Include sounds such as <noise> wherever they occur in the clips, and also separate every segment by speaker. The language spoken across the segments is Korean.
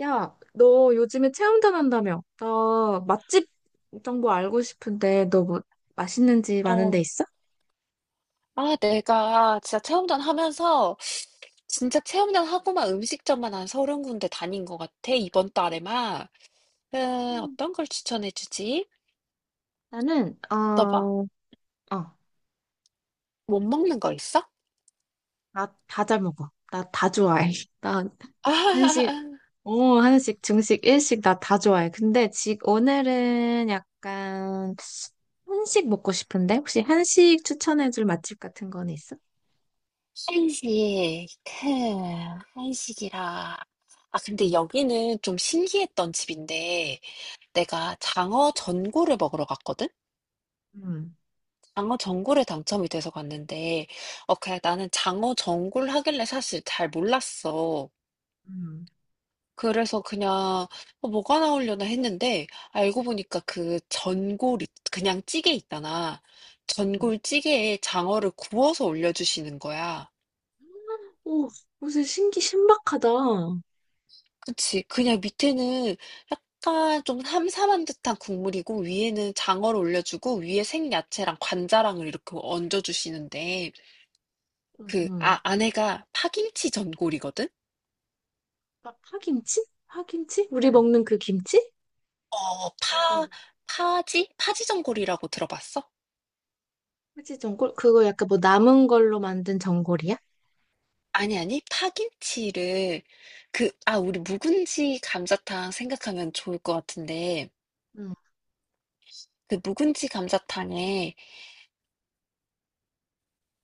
Speaker 1: 야, 너 요즘에 체험단 한다며? 나 맛집 정보 알고 싶은데 너 뭐 맛있는 집 아는 데
Speaker 2: 어.
Speaker 1: 있어?
Speaker 2: 아, 내가 진짜 체험전 하고만 음식점만 한 30 군데 다닌 것 같아. 이번 달에만.
Speaker 1: 음.
Speaker 2: 어떤 걸 추천해 주지?
Speaker 1: 나는
Speaker 2: 너 봐,
Speaker 1: 어,
Speaker 2: 못 먹는 거 있어?
Speaker 1: 나 다 잘 먹어. 나 다 좋아해. <laughs> 나
Speaker 2: <laughs>
Speaker 1: 한식,
Speaker 2: 아,
Speaker 1: 한식, 중식, 일식 나 다 좋아해. 근데 지 오늘은 약간 한식 먹고 싶은데 혹시 한식 추천해줄 맛집 같은 건 있어?
Speaker 2: 한식. 흠, 한식이라. 아, 근데 여기는 좀 신기했던 집인데 내가 장어 전골을 먹으러 갔거든?
Speaker 1: 음,
Speaker 2: 장어 전골에 당첨이 돼서 갔는데 그냥 나는 장어 전골 하길래 사실 잘 몰랐어.
Speaker 1: 음,
Speaker 2: 그래서 그냥 뭐가 나오려나 했는데 알고 보니까 그 그냥 찌개 있잖아.
Speaker 1: 음.
Speaker 2: 전골 찌개에 장어를 구워서 올려주시는 거야.
Speaker 1: 오, 무슨 신기 신박하다. 응.
Speaker 2: 그치? 그냥 밑에는 약간 좀 삼삼한 듯한 국물이고, 위에는 장어를 올려주고, 위에 생야채랑 관자랑을 이렇게 얹어주시는데 그 아내가 파김치 전골이거든?
Speaker 1: 막 파김치? 파김치? 우리
Speaker 2: 응.
Speaker 1: 먹는 그 김치?
Speaker 2: 어, 파,
Speaker 1: 응.
Speaker 2: 파지? 파지 전골이라고 들어봤어?
Speaker 1: 그치, 전골? 그거 약간 뭐 남은 걸로 만든 전골이야?
Speaker 2: 아니, 아니. 파김치를 우리 묵은지 감자탕 생각하면 좋을 것 같은데
Speaker 1: 응.
Speaker 2: 그 묵은지 감자탕에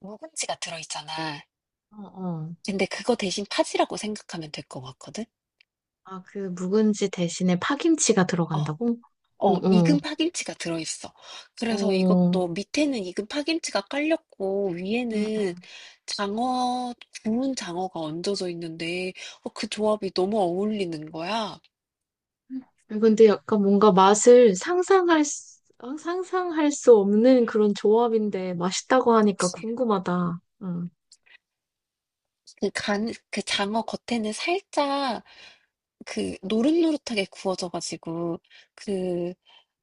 Speaker 2: 묵은지가 들어있잖아.
Speaker 1: 어, 어.
Speaker 2: 근데 그거 대신 파지라고 생각하면 될 것 같거든?
Speaker 1: 아, 그 묵은지 대신에 파김치가
Speaker 2: 어.
Speaker 1: 들어간다고? 어,
Speaker 2: 어,
Speaker 1: 어.
Speaker 2: 익은 파김치가 들어있어. 그래서
Speaker 1: 어.
Speaker 2: 이것도 밑에는 익은 파김치가 깔렸고,
Speaker 1: 응,
Speaker 2: 위에는 장어, 구운 장어가 얹어져 있는데, 그 조합이 너무 어울리는 거야.
Speaker 1: 응. 근데 약간 뭔가 맛을 상상할 수 없는 그런 조합인데 맛있다고 하니까
Speaker 2: 그치?
Speaker 1: 궁금하다. 응.
Speaker 2: 그 장어 겉에는 살짝 그 노릇노릇하게 구워져가지고 그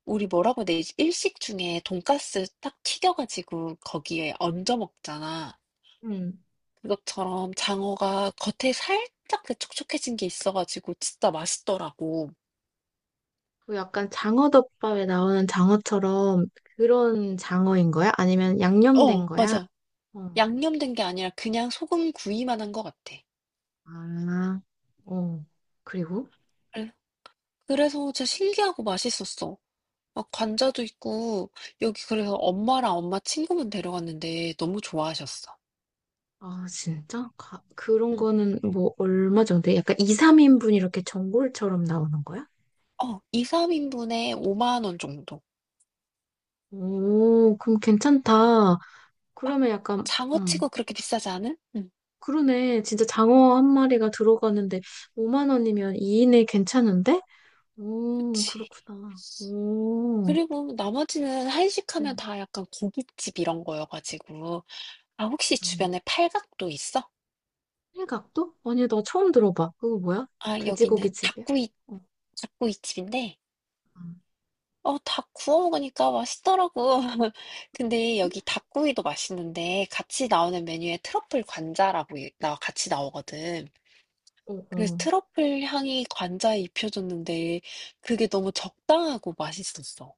Speaker 2: 우리 뭐라고 해야 되지? 일식 중에 돈가스 딱 튀겨가지고 거기에 얹어 먹잖아.
Speaker 1: 응.
Speaker 2: 그것처럼 장어가 겉에 살짝 그 촉촉해진 게 있어가지고 진짜 맛있더라고.
Speaker 1: 그 약간 장어덮밥에 나오는 장어처럼 그런 장어인 거야? 아니면 양념된
Speaker 2: 어,
Speaker 1: 거야?
Speaker 2: 맞아.
Speaker 1: 어.
Speaker 2: 양념된 게 아니라 그냥 소금 구이만 한 것 같아.
Speaker 1: 아, 어. 그리고
Speaker 2: 그래- 그래서 진짜 신기하고 맛있었어. 막 관자도 있고 여기 그래서 엄마랑 엄마 친구분 데려갔는데 너무 좋아하셨어.
Speaker 1: 아, 진짜? 가- 그런
Speaker 2: 응.
Speaker 1: 거는 뭐 얼마 정도? 약간 2, 3인분 이렇게 전골처럼 나오는 거야?
Speaker 2: 2-3 인분에 5만 원 정도.
Speaker 1: 오, 그럼 괜찮다.
Speaker 2: 막
Speaker 1: 그러면
Speaker 2: 장어치고 그렇게 비싸지 않은? 응.
Speaker 1: 그러네. 진짜 장어 한 마리가 들어가는데 5만 원이면 2인에 괜찮은데? 오,
Speaker 2: 그치.
Speaker 1: 그렇구나. 오,
Speaker 2: 그리고 나머지는 한식하면
Speaker 1: 응,
Speaker 2: 다 약간 고깃집 이런 거여 가지고 아, 혹시
Speaker 1: 그러네.
Speaker 2: 주변에 팔각도 있어?
Speaker 1: 일각도? 아니, 나 처음 들어봐. 그거 뭐야?
Speaker 2: 아,
Speaker 1: 돼지고기
Speaker 2: 여기는
Speaker 1: 집이야? 어,
Speaker 2: 닭구이집인데 닭 구워 먹으니까 맛있더라고. <laughs> 근데
Speaker 1: 응.
Speaker 2: 여기 닭구이도 맛있는데 같이 나오는 메뉴에 트러플 관자라고 이 나 같이 나오거든.
Speaker 1: 어,
Speaker 2: 그래서
Speaker 1: 어.
Speaker 2: 트러플 향이 관자에 입혀졌는데 그게 너무 적당하고 맛있었어.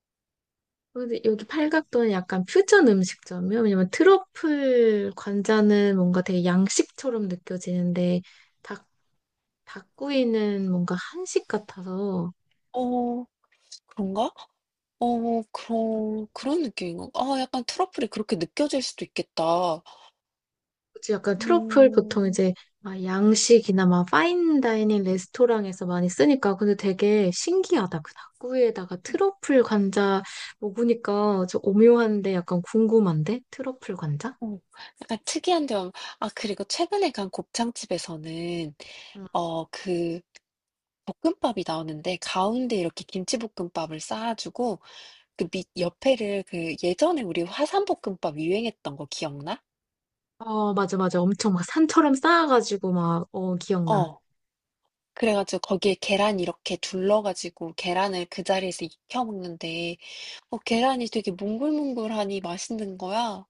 Speaker 1: 근데 여기 팔각도는 약간 퓨전 음식점이요. 왜냐면 트러플 관자는 뭔가 되게 양식처럼 느껴지는데 닭, 닭구이는 뭔가 한식 같아서
Speaker 2: 어, 그런가? 어, 그런 느낌인 가, 아, 약간 트러플이 그렇게 느껴질 수도 있겠다.
Speaker 1: 그치, 약간 트러플 보통
Speaker 2: 음,
Speaker 1: 이제 막 양식이나 막 파인다이닝 레스토랑에서 많이 쓰니까 근데 되게 신기하다. 그 닭구이에다가 트러플 관자 먹으니까 좀 오묘한데 약간 궁금한데? 트러플 관자?
Speaker 2: 어, 약간 특이한 점. 아, 그리고 최근에 간 곱창집에서는,
Speaker 1: 응.
Speaker 2: 어, 그, 볶음밥이 나오는데 가운데 이렇게 김치볶음밥을 쌓아주고 그 밑 옆에를, 그 예전에 우리 화산볶음밥 유행했던 거 기억나?
Speaker 1: 어, 맞아, 맞아. 엄청 막 산처럼 쌓아가지고 막, 어, 기억나.
Speaker 2: 어. 그래가지고 거기에 계란 이렇게 둘러가지고 계란을 그 자리에서 익혀 먹는데 어, 계란이 되게 몽글몽글하니 맛있는 거야.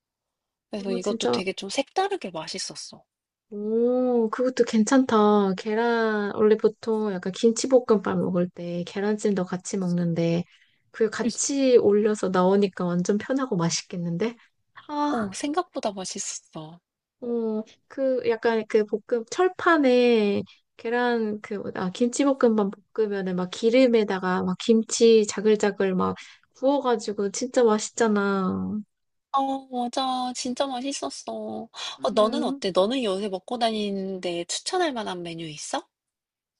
Speaker 2: 그래서
Speaker 1: 어,
Speaker 2: 이것도
Speaker 1: 진짜
Speaker 2: 되게 좀 색다르게 맛있었어.
Speaker 1: 오, 그것도 괜찮다. 계란, 원래 보통 약간 김치볶음밥 먹을 때 계란찜도 같이 먹는데, 그 같이 올려서 나오니까 완전 편하고 맛있겠는데?
Speaker 2: 어,
Speaker 1: 아,
Speaker 2: 생각보다 맛있었어.
Speaker 1: 어, 그 약간 철판에 계란, 그, 뭐- 아, 김치볶음밥 볶으면은 막 기름에다가 막 김치 자글자글 막 구워가지고 진짜 맛있잖아.
Speaker 2: 어, 맞아. 진짜 맛있었어. 어, 너는
Speaker 1: 음,
Speaker 2: 어때? 너는 요새 먹고 다니는데 추천할 만한 메뉴 있어?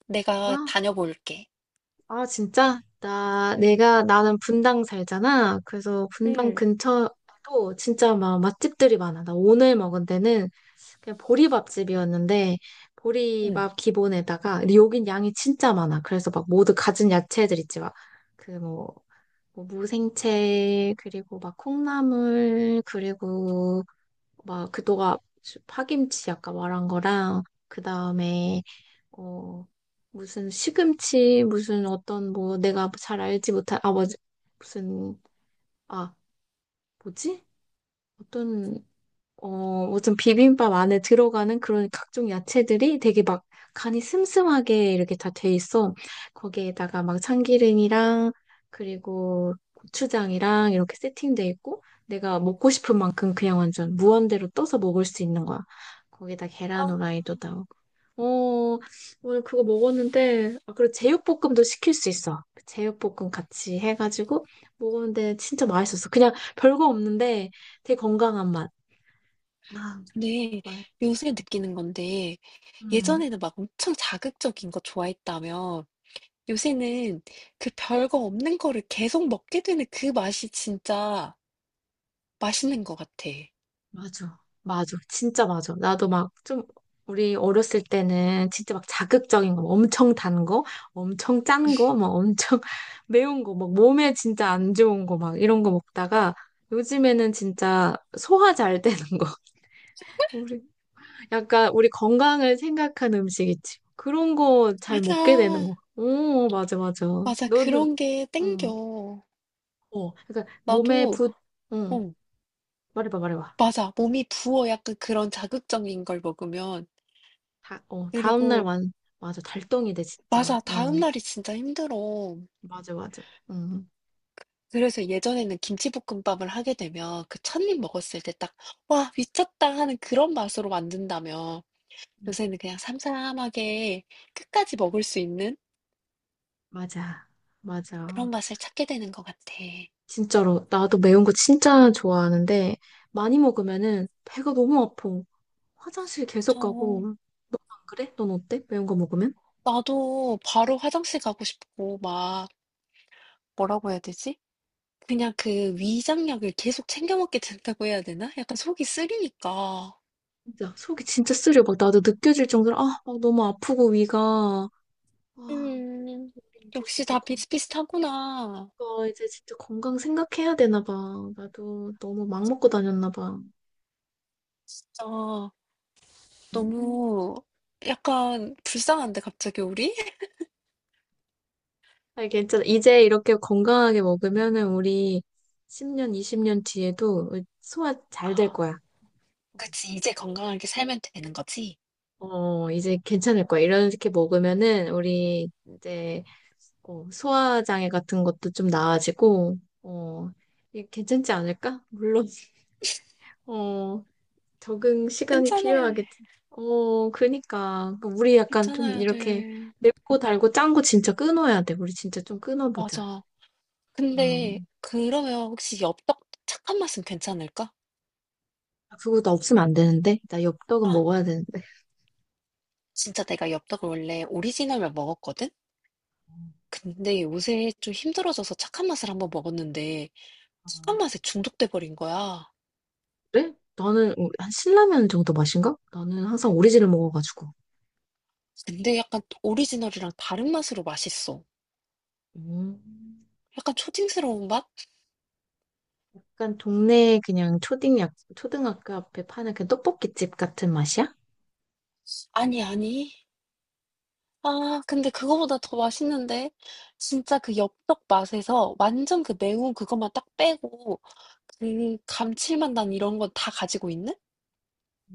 Speaker 2: 내가
Speaker 1: 나?
Speaker 2: 다녀볼게. 응,
Speaker 1: 나는 분당 살잖아. 그래서 분당
Speaker 2: 응,
Speaker 1: 근처도 진짜 막 맛집들이 많아. 나 오늘 먹은 데는 그냥 보리밥집이었는데,
Speaker 2: 응.
Speaker 1: 보리밥 기본에다가, 근데 여긴 양이 진짜 많아. 그래서 막 모두 가진 야채들 있지. 그 뭐, 무생채, 그리고 막 콩나물, 그리고 막 그동가 파김치 아까 말한 거랑, 그 다음에 어, 무슨 시금치, 무슨 어떤 뭐 내가 잘 알지 못한, 아, 뭐지? 무슨, 아, 뭐지? 어떤, 어, 무슨 비빔밥 안에 들어가는 그런 각종 야채들이 되게 막 간이 슴슴하게 이렇게 다 돼 있어. 거기에다가 막 참기름이랑 그리고 고추장이랑 이렇게 세팅돼 있고 내가 먹고 싶은 만큼 그냥 완전 무한대로 떠서 먹을 수 있는 거야. 거기다
Speaker 2: 아,
Speaker 1: 계란 후라이도 나오고. 어, 오늘 그거 먹었는데, 아, 그리고 제육볶음도 시킬 수 있어. 그 제육볶음 같이 해가지고 먹었는데 진짜 맛있었어. 그냥 별거 없는데 되게 건강한 맛. 아,
Speaker 2: 근데
Speaker 1: 말
Speaker 2: 요새 느끼는 건데
Speaker 1: 음,
Speaker 2: 예전에는 막 엄청 자극적인 거 좋아했다며. 요새는 그 별거 없는 거를 계속 먹게 되는 그 맛이 진짜 맛있는 것 같아.
Speaker 1: 맞아. 맞아. 진짜 맞아. 나도 막 좀, 우리 어렸을 때는 진짜 막 자극적인 거, 막 엄청 단 거, 엄청 짠 거, 막 엄청 <laughs> 매운 거, 막 몸에 진짜 안 좋은 거, 막 이런 거 먹다가 요즘에는 진짜 소화 잘 되는 거. <laughs> 우리 약간 우리 건강을 생각한 음식 있지. 그런 거 잘 먹게 되는
Speaker 2: 맞아.
Speaker 1: 거. 오, 맞아, 맞아.
Speaker 2: 맞아.
Speaker 1: 너는,
Speaker 2: 그런 게
Speaker 1: 응.
Speaker 2: 땡겨.
Speaker 1: 어, 그러니까 몸에
Speaker 2: 나도,
Speaker 1: 붓, 응.
Speaker 2: 어,
Speaker 1: 말해봐, 말해봐.
Speaker 2: 맞아. 몸이 부어, 약간 그런 자극적인 걸 먹으면.
Speaker 1: 다, 어, 다음날
Speaker 2: 그리고,
Speaker 1: 완, 맞아. 달덩이 돼, 진짜.
Speaker 2: 맞아.
Speaker 1: 어,
Speaker 2: 다음날이 진짜 힘들어.
Speaker 1: 맞아, 맞아. 응.
Speaker 2: 그래서 예전에는 김치볶음밥을 하게 되면 그 첫입 먹었을 때 딱, 와, 미쳤다 하는 그런 맛으로 만든다면 요새는 그냥 삼삼하게 끝까지 먹을 수 있는
Speaker 1: 맞아, 맞아.
Speaker 2: 그런 맛을 찾게 되는 것 같아.
Speaker 1: 진짜로. 나도 매운 거 진짜 좋아하는데, 많이 먹으면은 배가 너무 아파. 화장실 계속
Speaker 2: 저
Speaker 1: 가고. 넌 안 그래? 넌 어때? 매운 거 먹으면?
Speaker 2: 나도 바로 화장실 가고 싶고, 막 뭐라고 해야 되지? 그냥 그 위장약을 계속 챙겨 먹게 된다고 해야 되나? 약간 속이 쓰리니까.
Speaker 1: 진짜 속이 진짜 쓰려. 막 나도 느껴질 정도로 막 너무 아프고 위가 아,
Speaker 2: 음,
Speaker 1: 우리
Speaker 2: 역시 다 비슷비슷하구나.
Speaker 1: 어, 이제 진짜 건강 생각해야 되나 봐. 나도 너무 막 먹고 다녔나 봐.
Speaker 2: 아,
Speaker 1: 음.
Speaker 2: 너무 약간 불쌍한데 갑자기 우리? <laughs>
Speaker 1: 아니, 괜찮아. 이제 이렇게 건강하게 먹으면은 우리 10년, 20년 뒤에도 소화
Speaker 2: 아,
Speaker 1: 잘 될 거야.
Speaker 2: 그치. 이제 건강하게 살면 되는 거지?
Speaker 1: 어, 이제 괜찮을 거야. 이렇게 먹으면은 우리 이제 어, 소화장애 같은 것도 좀 나아지고, 어, 이게 괜찮지 않을까? 물론 어, 적응 시간이
Speaker 2: 괜찮아야 해.
Speaker 1: 필요하겠지. 어, 그니까. 그러니까 우리 약간 좀
Speaker 2: 괜찮아야
Speaker 1: 이렇게
Speaker 2: 돼.
Speaker 1: 맵고 달고 짠 거 진짜 끊어야 돼. 우리 진짜 좀 끊어보자.
Speaker 2: 맞아. 근데
Speaker 1: 음.
Speaker 2: 그러면 혹시 엽떡 착한 맛은 괜찮을까?
Speaker 1: 그거 나 없으면 안 되는데? 나
Speaker 2: 아,
Speaker 1: 엽떡은 먹어야 되는데.
Speaker 2: 진짜 내가 엽떡을 원래 오리지널만 먹었거든? 근데 요새 좀 힘들어져서 착한 맛을 한번 먹었는데
Speaker 1: 어,
Speaker 2: 착한 맛에 중독돼 버린 거야.
Speaker 1: 그래? 나는 어, 한 신라면 정도 맛인가? 나는 항상 오리지를 먹어가지고.
Speaker 2: 근데 약간 또 오리지널이랑 다른 맛으로 맛있어.
Speaker 1: 음.
Speaker 2: 약간 초딩스러운 맛?
Speaker 1: 약간 동네 그냥 초딩, 약, 초등학교 앞에 파는 그 떡볶이집 같은 맛이야?
Speaker 2: 아니, 아니. 아, 근데 그거보다 더 맛있는데. 진짜 그 엽떡 맛에서 완전 그 매운 그것만 딱 빼고 그 감칠맛 난 이런 건 다 가지고 있는?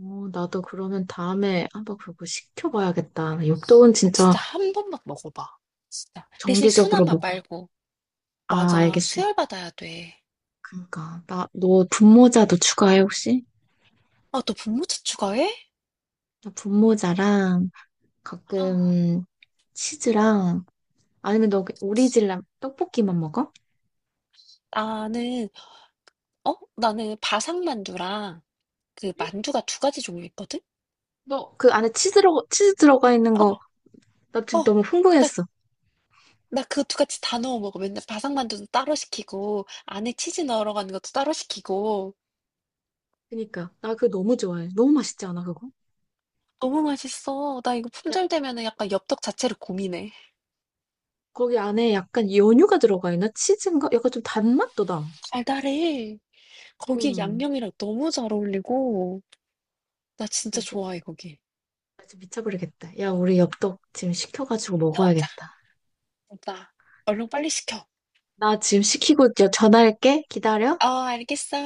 Speaker 1: 어, 나도 그러면 다음에 한번 그거 시켜봐야겠다. 엽떡은
Speaker 2: 아,
Speaker 1: 진짜
Speaker 2: 진짜 한 번만 먹어봐. 진짜. 대신 순한
Speaker 1: 정기적으로
Speaker 2: 맛
Speaker 1: 먹어요.
Speaker 2: 말고.
Speaker 1: 아,
Speaker 2: 맞아.
Speaker 1: 알겠어요.
Speaker 2: 수혈 받아야 돼.
Speaker 1: 그러니까 나 너 분모자도 추가해 혹시?
Speaker 2: 아, 너 분무채 추가해?
Speaker 1: 나 분모자랑
Speaker 2: 아,
Speaker 1: 가끔 치즈랑 아니면 너 오리지널 떡볶이만 먹어?
Speaker 2: 나는, 어? 나는 바삭만두랑 그 만두가 두 가지 종류 있거든?
Speaker 1: 너 그 안에 치즈 들어가 있는
Speaker 2: 어,
Speaker 1: 거 나
Speaker 2: 어.
Speaker 1: 지금 너무
Speaker 2: 나,
Speaker 1: 흥분했어.
Speaker 2: 나 그 두 가지 다 넣어 먹어. 맨날 바삭만두도 따로 시키고, 안에 치즈 넣으러 가는 것도 따로 시키고.
Speaker 1: 그러니까 나 그거 너무 좋아해. 너무 맛있지 않아 그거?
Speaker 2: 너무 맛있어. 나 이거
Speaker 1: 약
Speaker 2: 품절되면은 약간 엽떡 자체를 고민해.
Speaker 1: 거기 안에 약간 연유가 들어가 있나? 치즈인가? 약간 좀 단맛도 나.
Speaker 2: 달달해. 거기에
Speaker 1: 음,
Speaker 2: 양념이랑 너무 잘 어울리고. 나 진짜
Speaker 1: 나 지금,
Speaker 2: 좋아해, 거기.
Speaker 1: 나 지금 미쳐버리겠다. 야, 우리 엽떡 지금 시켜가지고
Speaker 2: 시 먹자,
Speaker 1: 먹어야겠다.
Speaker 2: 오빠. 얼른 빨리 시켜. 어,
Speaker 1: 나 지금 시키고 전화할게. 기다려.
Speaker 2: 알겠어.